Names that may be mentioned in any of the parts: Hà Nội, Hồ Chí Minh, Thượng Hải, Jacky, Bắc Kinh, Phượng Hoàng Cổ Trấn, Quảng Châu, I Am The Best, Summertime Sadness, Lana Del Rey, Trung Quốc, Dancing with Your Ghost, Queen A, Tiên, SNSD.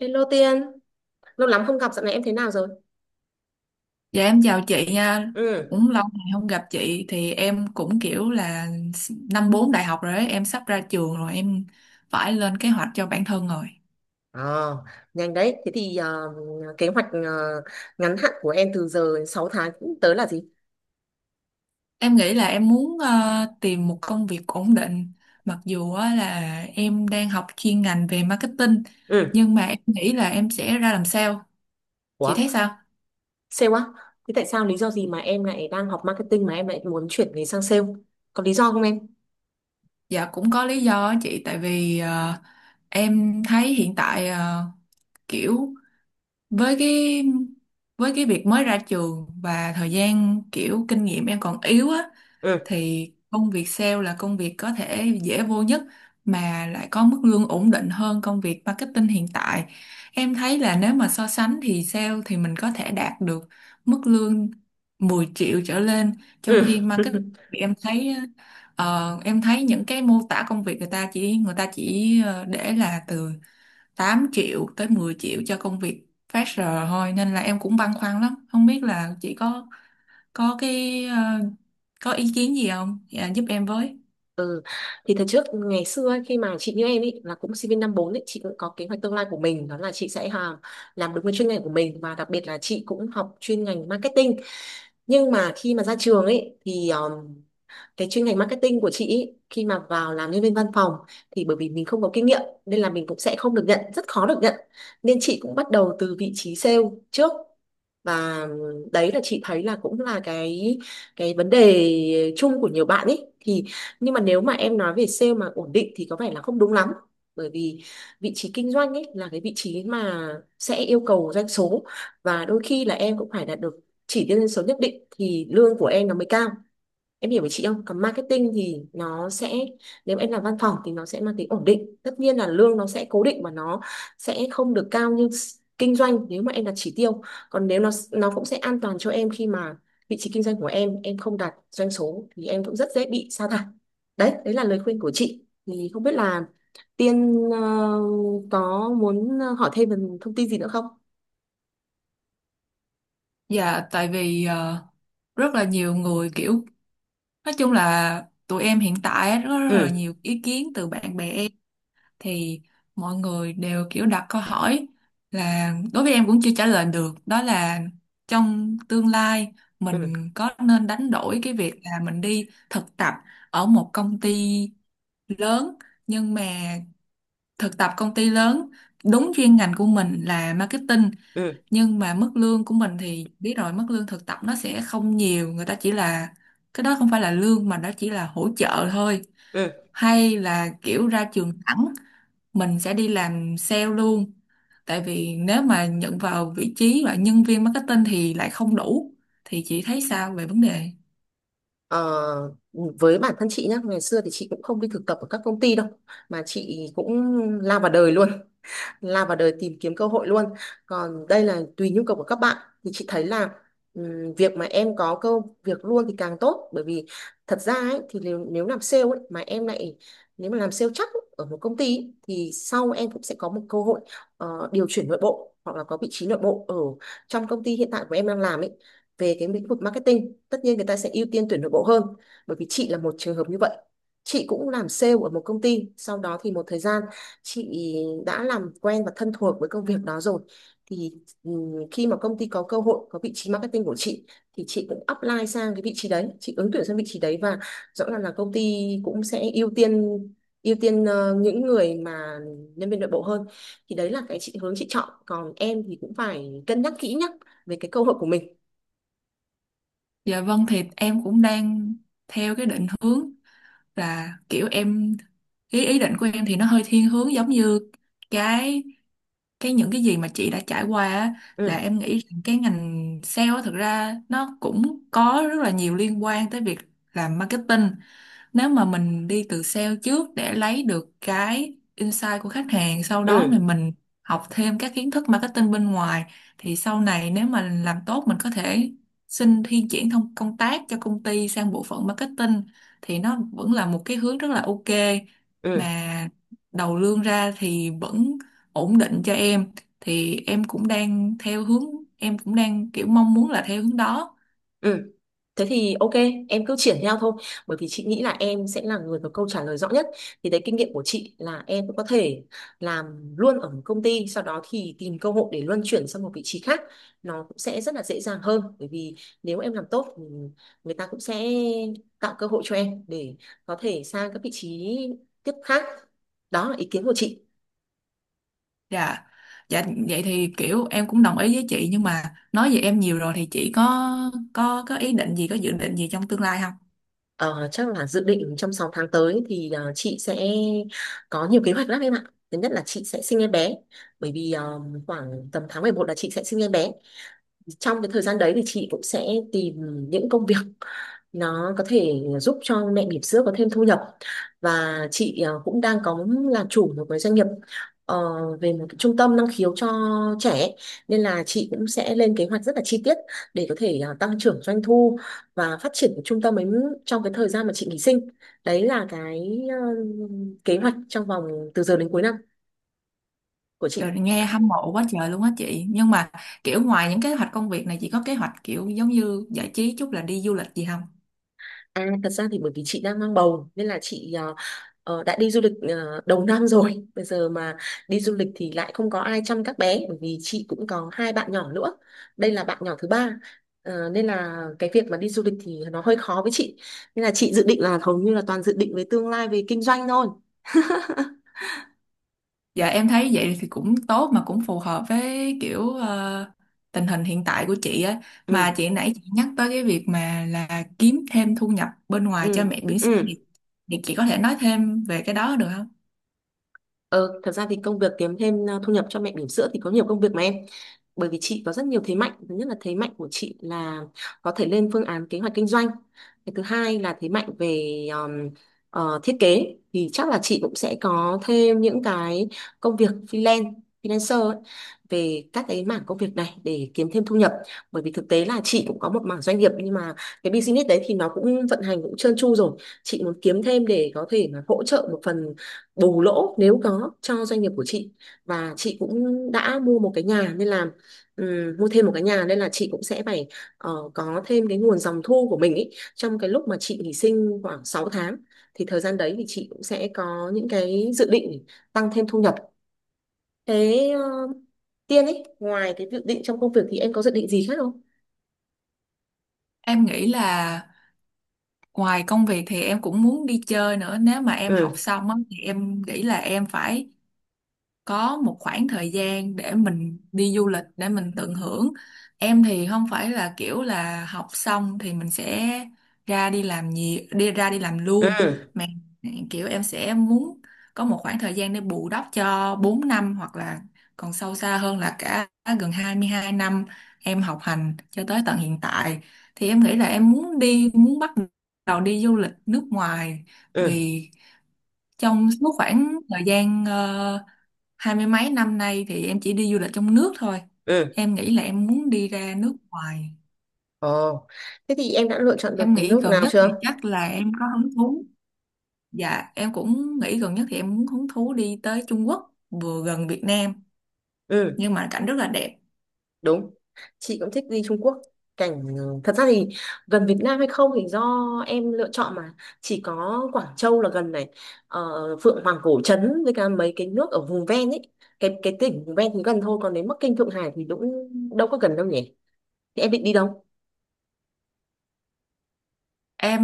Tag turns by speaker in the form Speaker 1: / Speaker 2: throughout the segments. Speaker 1: Hello Tiên, lâu lắm không gặp, dạo này em thế nào rồi?
Speaker 2: Dạ em chào chị nha,
Speaker 1: Ừ.
Speaker 2: cũng lâu ngày không gặp chị thì em cũng kiểu là năm bốn đại học rồi ấy, em sắp ra trường rồi em phải lên kế hoạch cho bản thân rồi.
Speaker 1: Ờ, nhanh đấy. Thế thì kế hoạch ngắn hạn của em từ giờ đến 6 tháng cũng tới là gì?
Speaker 2: Em nghĩ là em muốn tìm một công việc ổn định, mặc dù á là em đang học chuyên ngành về marketing
Speaker 1: Ừ.
Speaker 2: nhưng mà em nghĩ là em sẽ ra làm sale. Chị
Speaker 1: Ủa,
Speaker 2: thấy sao?
Speaker 1: sale á? Thế tại sao lý do gì mà em lại đang học marketing mà em lại muốn chuyển nghề sang sale? Có lý do không em?
Speaker 2: Dạ cũng có lý do á chị, tại vì em thấy hiện tại kiểu với cái việc mới ra trường và thời gian kiểu kinh nghiệm em còn yếu á,
Speaker 1: Ừ,
Speaker 2: thì công việc sale là công việc có thể dễ vô nhất mà lại có mức lương ổn định hơn công việc marketing hiện tại. Em thấy là nếu mà so sánh thì sale thì mình có thể đạt được mức lương 10 triệu trở lên, trong
Speaker 1: ừ.
Speaker 2: khi marketing thì em thấy những cái mô tả công việc người ta chỉ để là từ 8 triệu tới 10 triệu cho công việc phát giờ thôi, nên là em cũng băn khoăn lắm, không biết là chị có cái ờ, có ý kiến gì không, dạ, giúp em với.
Speaker 1: Ừ. Thì thời trước ngày xưa ấy, khi mà chị như em ấy là cũng sinh viên năm 4 ấy, chị cũng có kế hoạch tương lai của mình, đó là chị sẽ làm đúng cái chuyên ngành của mình, và đặc biệt là chị cũng học chuyên ngành marketing. Nhưng mà khi mà ra trường ấy thì cái chuyên ngành marketing của chị ý, khi mà vào làm nhân viên văn phòng thì bởi vì mình không có kinh nghiệm nên là mình cũng sẽ không được nhận, rất khó được nhận, nên chị cũng bắt đầu từ vị trí sale trước. Và đấy là chị thấy là cũng là cái vấn đề chung của nhiều bạn ấy. Thì nhưng mà nếu mà em nói về sale mà ổn định thì có vẻ là không đúng lắm, bởi vì vị trí kinh doanh ấy là cái vị trí mà sẽ yêu cầu doanh số, và đôi khi là em cũng phải đạt được chỉ tiêu doanh số nhất định thì lương của em nó mới cao. Em hiểu với chị không? Còn marketing thì nó sẽ, nếu mà em làm văn phòng thì nó sẽ mang tính ổn định. Tất nhiên là lương nó sẽ cố định và nó sẽ không được cao như kinh doanh nếu mà em đặt chỉ tiêu. Còn nếu nó cũng sẽ an toàn cho em khi mà vị trí kinh doanh của em không đạt doanh số thì em cũng rất dễ bị sa thải. Đấy, đấy là lời khuyên của chị. Thì không biết là Tiên có muốn hỏi thêm về thông tin gì nữa không?
Speaker 2: Dạ tại vì rất là nhiều người kiểu nói chung là tụi em hiện tại á, rất là
Speaker 1: Ừ,
Speaker 2: nhiều ý kiến từ bạn bè em, thì mọi người đều kiểu đặt câu hỏi là đối với em cũng chưa trả lời được, đó là trong tương lai mình
Speaker 1: ừ,
Speaker 2: có nên đánh đổi cái việc là mình đi thực tập ở một công ty lớn, nhưng mà thực tập công ty lớn đúng chuyên ngành của mình là marketing,
Speaker 1: ừ,
Speaker 2: nhưng mà mức lương của mình thì biết rồi, mức lương thực tập nó sẽ không nhiều, người ta chỉ là cái đó không phải là lương mà đó chỉ là hỗ trợ thôi,
Speaker 1: ừ.
Speaker 2: hay là kiểu ra trường thẳng mình sẽ đi làm sale luôn, tại vì nếu mà nhận vào vị trí là nhân viên marketing thì lại không đủ. Thì chị thấy sao về vấn đề?
Speaker 1: Ờ, với bản thân chị nhá, ngày xưa thì chị cũng không đi thực tập ở các công ty đâu, mà chị cũng lao vào đời luôn, lao vào đời tìm kiếm cơ hội luôn. Còn đây là tùy nhu cầu của các bạn. Thì chị thấy là việc mà em có cơ việc luôn thì càng tốt, bởi vì thật ra ấy, thì nếu nếu làm sale ấy, mà em lại, nếu mà làm sale chắc ấy, ở một công ty ấy, thì sau em cũng sẽ có một cơ hội điều chuyển nội bộ, hoặc là có vị trí nội bộ ở trong công ty hiện tại của em đang làm ấy, về cái lĩnh vực marketing. Tất nhiên người ta sẽ ưu tiên tuyển nội bộ hơn. Bởi vì chị là một trường hợp như vậy, chị cũng làm sale ở một công ty, sau đó thì một thời gian, chị đã làm quen và thân thuộc với công việc đó rồi. Thì khi mà công ty có cơ hội có vị trí marketing của chị, thì chị cũng apply sang cái vị trí đấy, chị ứng tuyển sang vị trí đấy, và rõ ràng là công ty cũng sẽ ưu tiên, ưu tiên những người mà nhân viên nội bộ hơn. Thì đấy là cái chị hướng chị chọn, còn em thì cũng phải cân nhắc kỹ nhá về cái cơ hội của mình.
Speaker 2: Dạ vâng, thì em cũng đang theo cái định hướng là kiểu em, ý ý định của em thì nó hơi thiên hướng giống như cái cái những cái gì mà chị đã trải qua á, là
Speaker 1: Ừ.
Speaker 2: em nghĩ rằng cái ngành sale á, thực ra nó cũng có rất là nhiều liên quan tới việc làm marketing. Nếu mà mình đi từ sale trước để lấy được cái insight của khách hàng, sau đó thì
Speaker 1: Ừ.
Speaker 2: mình học thêm các kiến thức marketing bên ngoài, thì sau này nếu mà làm tốt mình có thể xin thi chuyển thông công tác cho công ty sang bộ phận marketing, thì nó vẫn là một cái hướng rất là ok
Speaker 1: Ừ.
Speaker 2: mà đầu lương ra thì vẫn ổn định cho em. Thì em cũng đang theo hướng, em cũng đang kiểu mong muốn là theo hướng đó.
Speaker 1: Ừ. Thế thì ok, em cứ triển theo thôi, bởi vì chị nghĩ là em sẽ là người có câu trả lời rõ nhất. Thì đấy, kinh nghiệm của chị là em cũng có thể làm luôn ở một công ty, sau đó thì tìm cơ hội để luân chuyển sang một vị trí khác. Nó cũng sẽ rất là dễ dàng hơn, bởi vì nếu em làm tốt thì người ta cũng sẽ tạo cơ hội cho em để có thể sang các vị trí tiếp khác. Đó là ý kiến của chị.
Speaker 2: Dạ, dạ, vậy thì kiểu em cũng đồng ý với chị, nhưng mà nói về em nhiều rồi thì chị có, có ý định gì, có dự định gì trong tương lai không?
Speaker 1: Ờ, chắc là dự định trong 6 tháng tới thì chị sẽ có nhiều kế hoạch lắm em ạ. Thứ nhất là chị sẽ sinh em bé. Bởi vì khoảng tầm tháng 11 là chị sẽ sinh em bé. Trong cái thời gian đấy thì chị cũng sẽ tìm những công việc nó có thể giúp cho mẹ bỉm sữa có thêm thu nhập. Và chị cũng đang có làm chủ một cái doanh nghiệp ờ, về một cái trung tâm năng khiếu cho trẻ, nên là chị cũng sẽ lên kế hoạch rất là chi tiết để có thể tăng trưởng doanh thu và phát triển cái trung tâm ấy trong cái thời gian mà chị nghỉ sinh. Đấy là cái kế hoạch trong vòng từ giờ đến cuối năm của chị.
Speaker 2: Trời, nghe hâm mộ quá trời luôn á chị, nhưng mà kiểu ngoài những kế hoạch công việc này, chị có kế hoạch kiểu giống như giải trí chút là đi du lịch gì không?
Speaker 1: À, thật ra thì bởi vì chị đang mang bầu nên là chị đã đi du lịch đầu năm rồi. Bây giờ mà đi du lịch thì lại không có ai chăm các bé, bởi vì chị cũng có hai bạn nhỏ nữa. Đây là bạn nhỏ thứ ba. Ờ, nên là cái việc mà đi du lịch thì nó hơi khó với chị. Nên là chị dự định là hầu như là toàn dự định với tương lai về kinh doanh thôi.
Speaker 2: Dạ em thấy vậy thì cũng tốt mà cũng phù hợp với kiểu tình hình hiện tại của chị á, mà
Speaker 1: Ừ,
Speaker 2: chị nãy chị nhắc tới cái việc mà là kiếm thêm thu nhập bên ngoài cho
Speaker 1: ừ,
Speaker 2: mẹ bỉm sữa,
Speaker 1: ừ.
Speaker 2: thì chị có thể nói thêm về cái đó được không?
Speaker 1: Ờ, thật ra thì công việc kiếm thêm thu nhập cho mẹ bỉm sữa thì có nhiều công việc mà em. Bởi vì chị có rất nhiều thế mạnh. Thứ nhất là thế mạnh của chị là có thể lên phương án kế hoạch kinh doanh. Cái thứ hai là thế mạnh về thiết kế. Thì chắc là chị cũng sẽ có thêm những cái công việc freelance, freelancer ấy, về các cái mảng công việc này để kiếm thêm thu nhập. Bởi vì thực tế là chị cũng có một mảng doanh nghiệp, nhưng mà cái business đấy thì nó cũng vận hành cũng trơn tru rồi. Chị muốn kiếm thêm để có thể mà hỗ trợ một phần bù lỗ nếu có cho doanh nghiệp của chị. Và chị cũng đã mua một cái nhà nên là, mua thêm một cái nhà nên là chị cũng sẽ phải có thêm cái nguồn dòng thu của mình ý. Trong cái lúc mà chị nghỉ sinh khoảng 6 tháng thì thời gian đấy thì chị cũng sẽ có những cái dự định tăng thêm thu nhập. Thế Tiên ấy, ngoài cái dự định trong công việc thì em có dự định gì khác không?
Speaker 2: Em nghĩ là ngoài công việc thì em cũng muốn đi chơi nữa. Nếu mà em học
Speaker 1: Ừ.
Speaker 2: xong á, thì em nghĩ là em phải có một khoảng thời gian để mình đi du lịch, để mình tận hưởng. Em thì không phải là kiểu là học xong thì mình sẽ ra đi làm gì đi ra đi làm luôn,
Speaker 1: Ừ.
Speaker 2: mà kiểu em sẽ muốn có một khoảng thời gian để bù đắp cho 4 năm, hoặc là còn sâu xa hơn là cả gần 22 năm em học hành cho tới tận hiện tại. Thì em nghĩ là em muốn bắt đầu đi du lịch nước ngoài,
Speaker 1: Ừ.
Speaker 2: vì trong suốt khoảng thời gian hai mươi mấy năm nay thì em chỉ đi du lịch trong nước thôi.
Speaker 1: Ừ.
Speaker 2: Em nghĩ là em muốn đi ra nước ngoài.
Speaker 1: Ồ, thế thì em đã lựa chọn được
Speaker 2: Em
Speaker 1: cái
Speaker 2: nghĩ
Speaker 1: nước
Speaker 2: gần
Speaker 1: nào
Speaker 2: nhất thì
Speaker 1: chưa?
Speaker 2: chắc là em có hứng thú, dạ em cũng nghĩ gần nhất thì em muốn hứng thú đi tới Trung Quốc, vừa gần Việt Nam
Speaker 1: Ừ.
Speaker 2: nhưng mà cảnh rất là đẹp.
Speaker 1: Đúng, chị cũng thích đi Trung Quốc. Cảnh, thật ra thì gần Việt Nam hay không thì do em lựa chọn mà. Chỉ có Quảng Châu là gần này. ờ, Phượng Hoàng Cổ Trấn với cả mấy cái nước ở vùng ven ấy, cái tỉnh vùng ven thì gần thôi, còn đến Bắc Kinh, Thượng Hải thì cũng đâu có gần đâu nhỉ. Thì em định đi đâu?
Speaker 2: em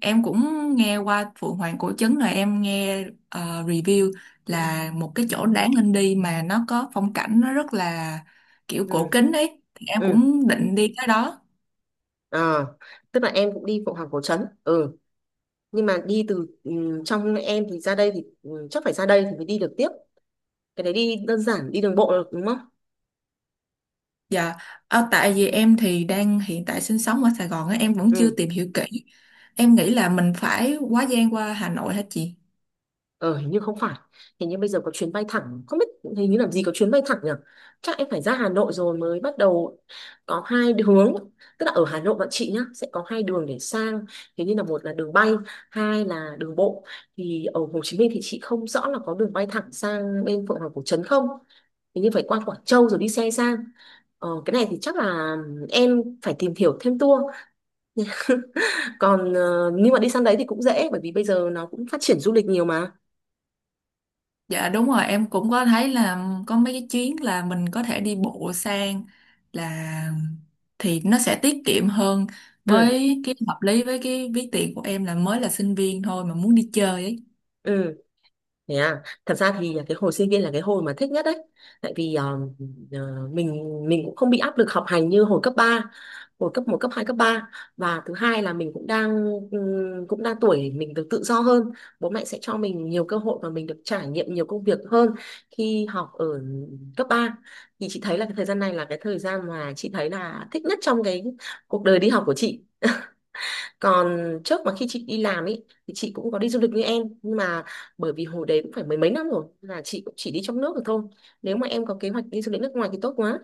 Speaker 2: em cũng nghe qua Phượng Hoàng Cổ Trấn rồi, em nghe review là một cái chỗ đáng lên đi, mà nó có phong cảnh nó rất là kiểu cổ
Speaker 1: Ừ.
Speaker 2: kính ấy, thì em
Speaker 1: Ừ.
Speaker 2: cũng định đi tới đó.
Speaker 1: Ờ, tức là em cũng đi Phượng Hoàng Cổ Trấn, ừ, nhưng mà đi từ trong em thì ra đây, thì chắc phải ra đây thì mới đi được tiếp. Cái đấy đi đơn giản, đi đường bộ được đúng không?
Speaker 2: Dạ, tại vì em thì đang hiện tại sinh sống ở Sài Gòn á, em vẫn chưa
Speaker 1: Ừ.
Speaker 2: tìm hiểu kỹ. Em nghĩ là mình phải quá gian qua Hà Nội hả chị?
Speaker 1: Ờ, hình như không phải. Hình như bây giờ có chuyến bay thẳng. Không biết, hình như làm gì có chuyến bay thẳng nhỉ. Chắc em phải ra Hà Nội rồi mới bắt đầu. Có hai hướng. Tức là ở Hà Nội bạn chị nhá, sẽ có hai đường để sang. Thế như là, một là đường bay, hai là đường bộ. Thì ở Hồ Chí Minh thì chị không rõ là có đường bay thẳng sang bên Phượng Hoàng Cổ Trấn không. Hình như phải qua Quảng Châu rồi đi xe sang. Ờ, cái này thì chắc là em phải tìm hiểu thêm tour. Còn nhưng mà đi sang đấy thì cũng dễ, bởi vì bây giờ nó cũng phát triển du lịch nhiều mà.
Speaker 2: Dạ đúng rồi, em cũng có thấy là có mấy cái chuyến là mình có thể đi bộ sang, là thì nó sẽ tiết kiệm hơn,
Speaker 1: Ừ.
Speaker 2: với cái hợp lý với cái ví tiền của em là mới là sinh viên thôi mà muốn đi chơi ấy.
Speaker 1: Ừ. Thế à, thật ra thì cái hồi sinh viên là cái hồi mà thích nhất đấy. Tại vì mình cũng không bị áp lực học hành như hồi cấp 3, hồi cấp một, cấp hai, cấp ba. Và thứ hai là mình cũng đang tuổi mình được tự do hơn. Bố mẹ sẽ cho mình nhiều cơ hội và mình được trải nghiệm nhiều công việc hơn khi học ở cấp ba. Thì chị thấy là cái thời gian này là cái thời gian mà chị thấy là thích nhất trong cái cuộc đời đi học của chị. Còn trước mà khi chị đi làm ấy, thì chị cũng có đi du lịch như em, nhưng mà bởi vì hồi đấy cũng phải mười mấy năm rồi nên là chị cũng chỉ đi trong nước được thôi. Nếu mà em có kế hoạch đi du lịch nước ngoài thì tốt quá.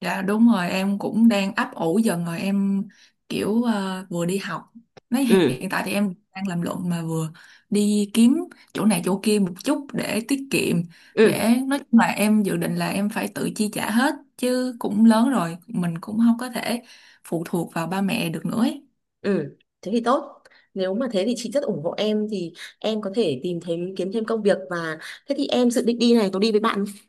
Speaker 2: Dạ đúng rồi, em cũng đang ấp ủ dần rồi, em kiểu vừa đi học, nói
Speaker 1: Ừ.
Speaker 2: hiện tại thì em đang làm luận mà vừa đi kiếm chỗ này chỗ kia một chút để tiết kiệm,
Speaker 1: Ừ.
Speaker 2: để nói chung là em dự định là em phải tự chi trả hết, chứ cũng lớn rồi mình cũng không có thể phụ thuộc vào ba mẹ được nữa ấy.
Speaker 1: Ừ, thế thì tốt. Nếu mà thế thì chị rất ủng hộ em. Thì em có thể tìm thêm, kiếm thêm công việc, và thế thì em dự định đi này có đi với bạn không?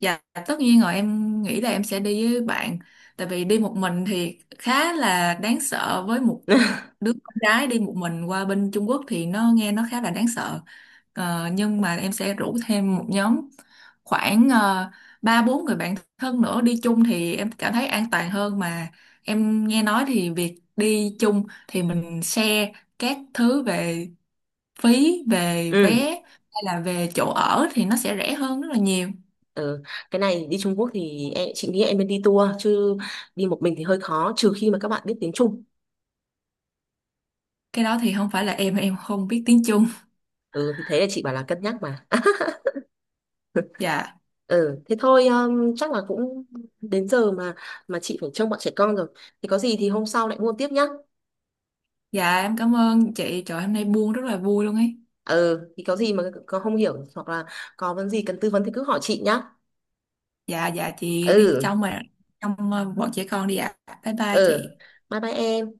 Speaker 2: Dạ tất nhiên rồi, em nghĩ là em sẽ đi với bạn. Tại vì đi một mình thì khá là đáng sợ, với một đứa con gái đi một mình qua bên Trung Quốc thì nó nghe nó khá là đáng sợ. Nhưng mà em sẽ rủ thêm một nhóm khoảng ba bốn người bạn thân nữa đi chung, thì em cảm thấy an toàn hơn mà. Em nghe nói thì việc đi chung thì mình share các thứ về phí, về vé,
Speaker 1: Ừ.
Speaker 2: hay là về chỗ ở thì nó sẽ rẻ hơn rất là nhiều.
Speaker 1: Ừ, cái này đi Trung Quốc thì em, chị nghĩ em nên đi tour chứ đi một mình thì hơi khó, trừ khi mà các bạn biết tiếng Trung.
Speaker 2: Cái đó thì không phải là em không biết tiếng Trung.
Speaker 1: Ừ thì thế là chị bảo là cân nhắc mà.
Speaker 2: Dạ,
Speaker 1: Ừ, thế thôi, chắc là cũng đến giờ mà chị phải trông bọn trẻ con rồi. Thì có gì thì hôm sau lại mua tiếp nhá.
Speaker 2: dạ em cảm ơn chị, trời hôm nay buông rất là vui luôn ấy.
Speaker 1: Ừ, thì có gì mà có không hiểu hoặc là có vấn gì cần tư vấn thì cứ hỏi chị nhá.
Speaker 2: Dạ, dạ chị đi
Speaker 1: Ừ,
Speaker 2: trong mà trong ờ, bọn trẻ con đi ạ, bye bye
Speaker 1: ừ.
Speaker 2: chị.
Speaker 1: Bye bye em.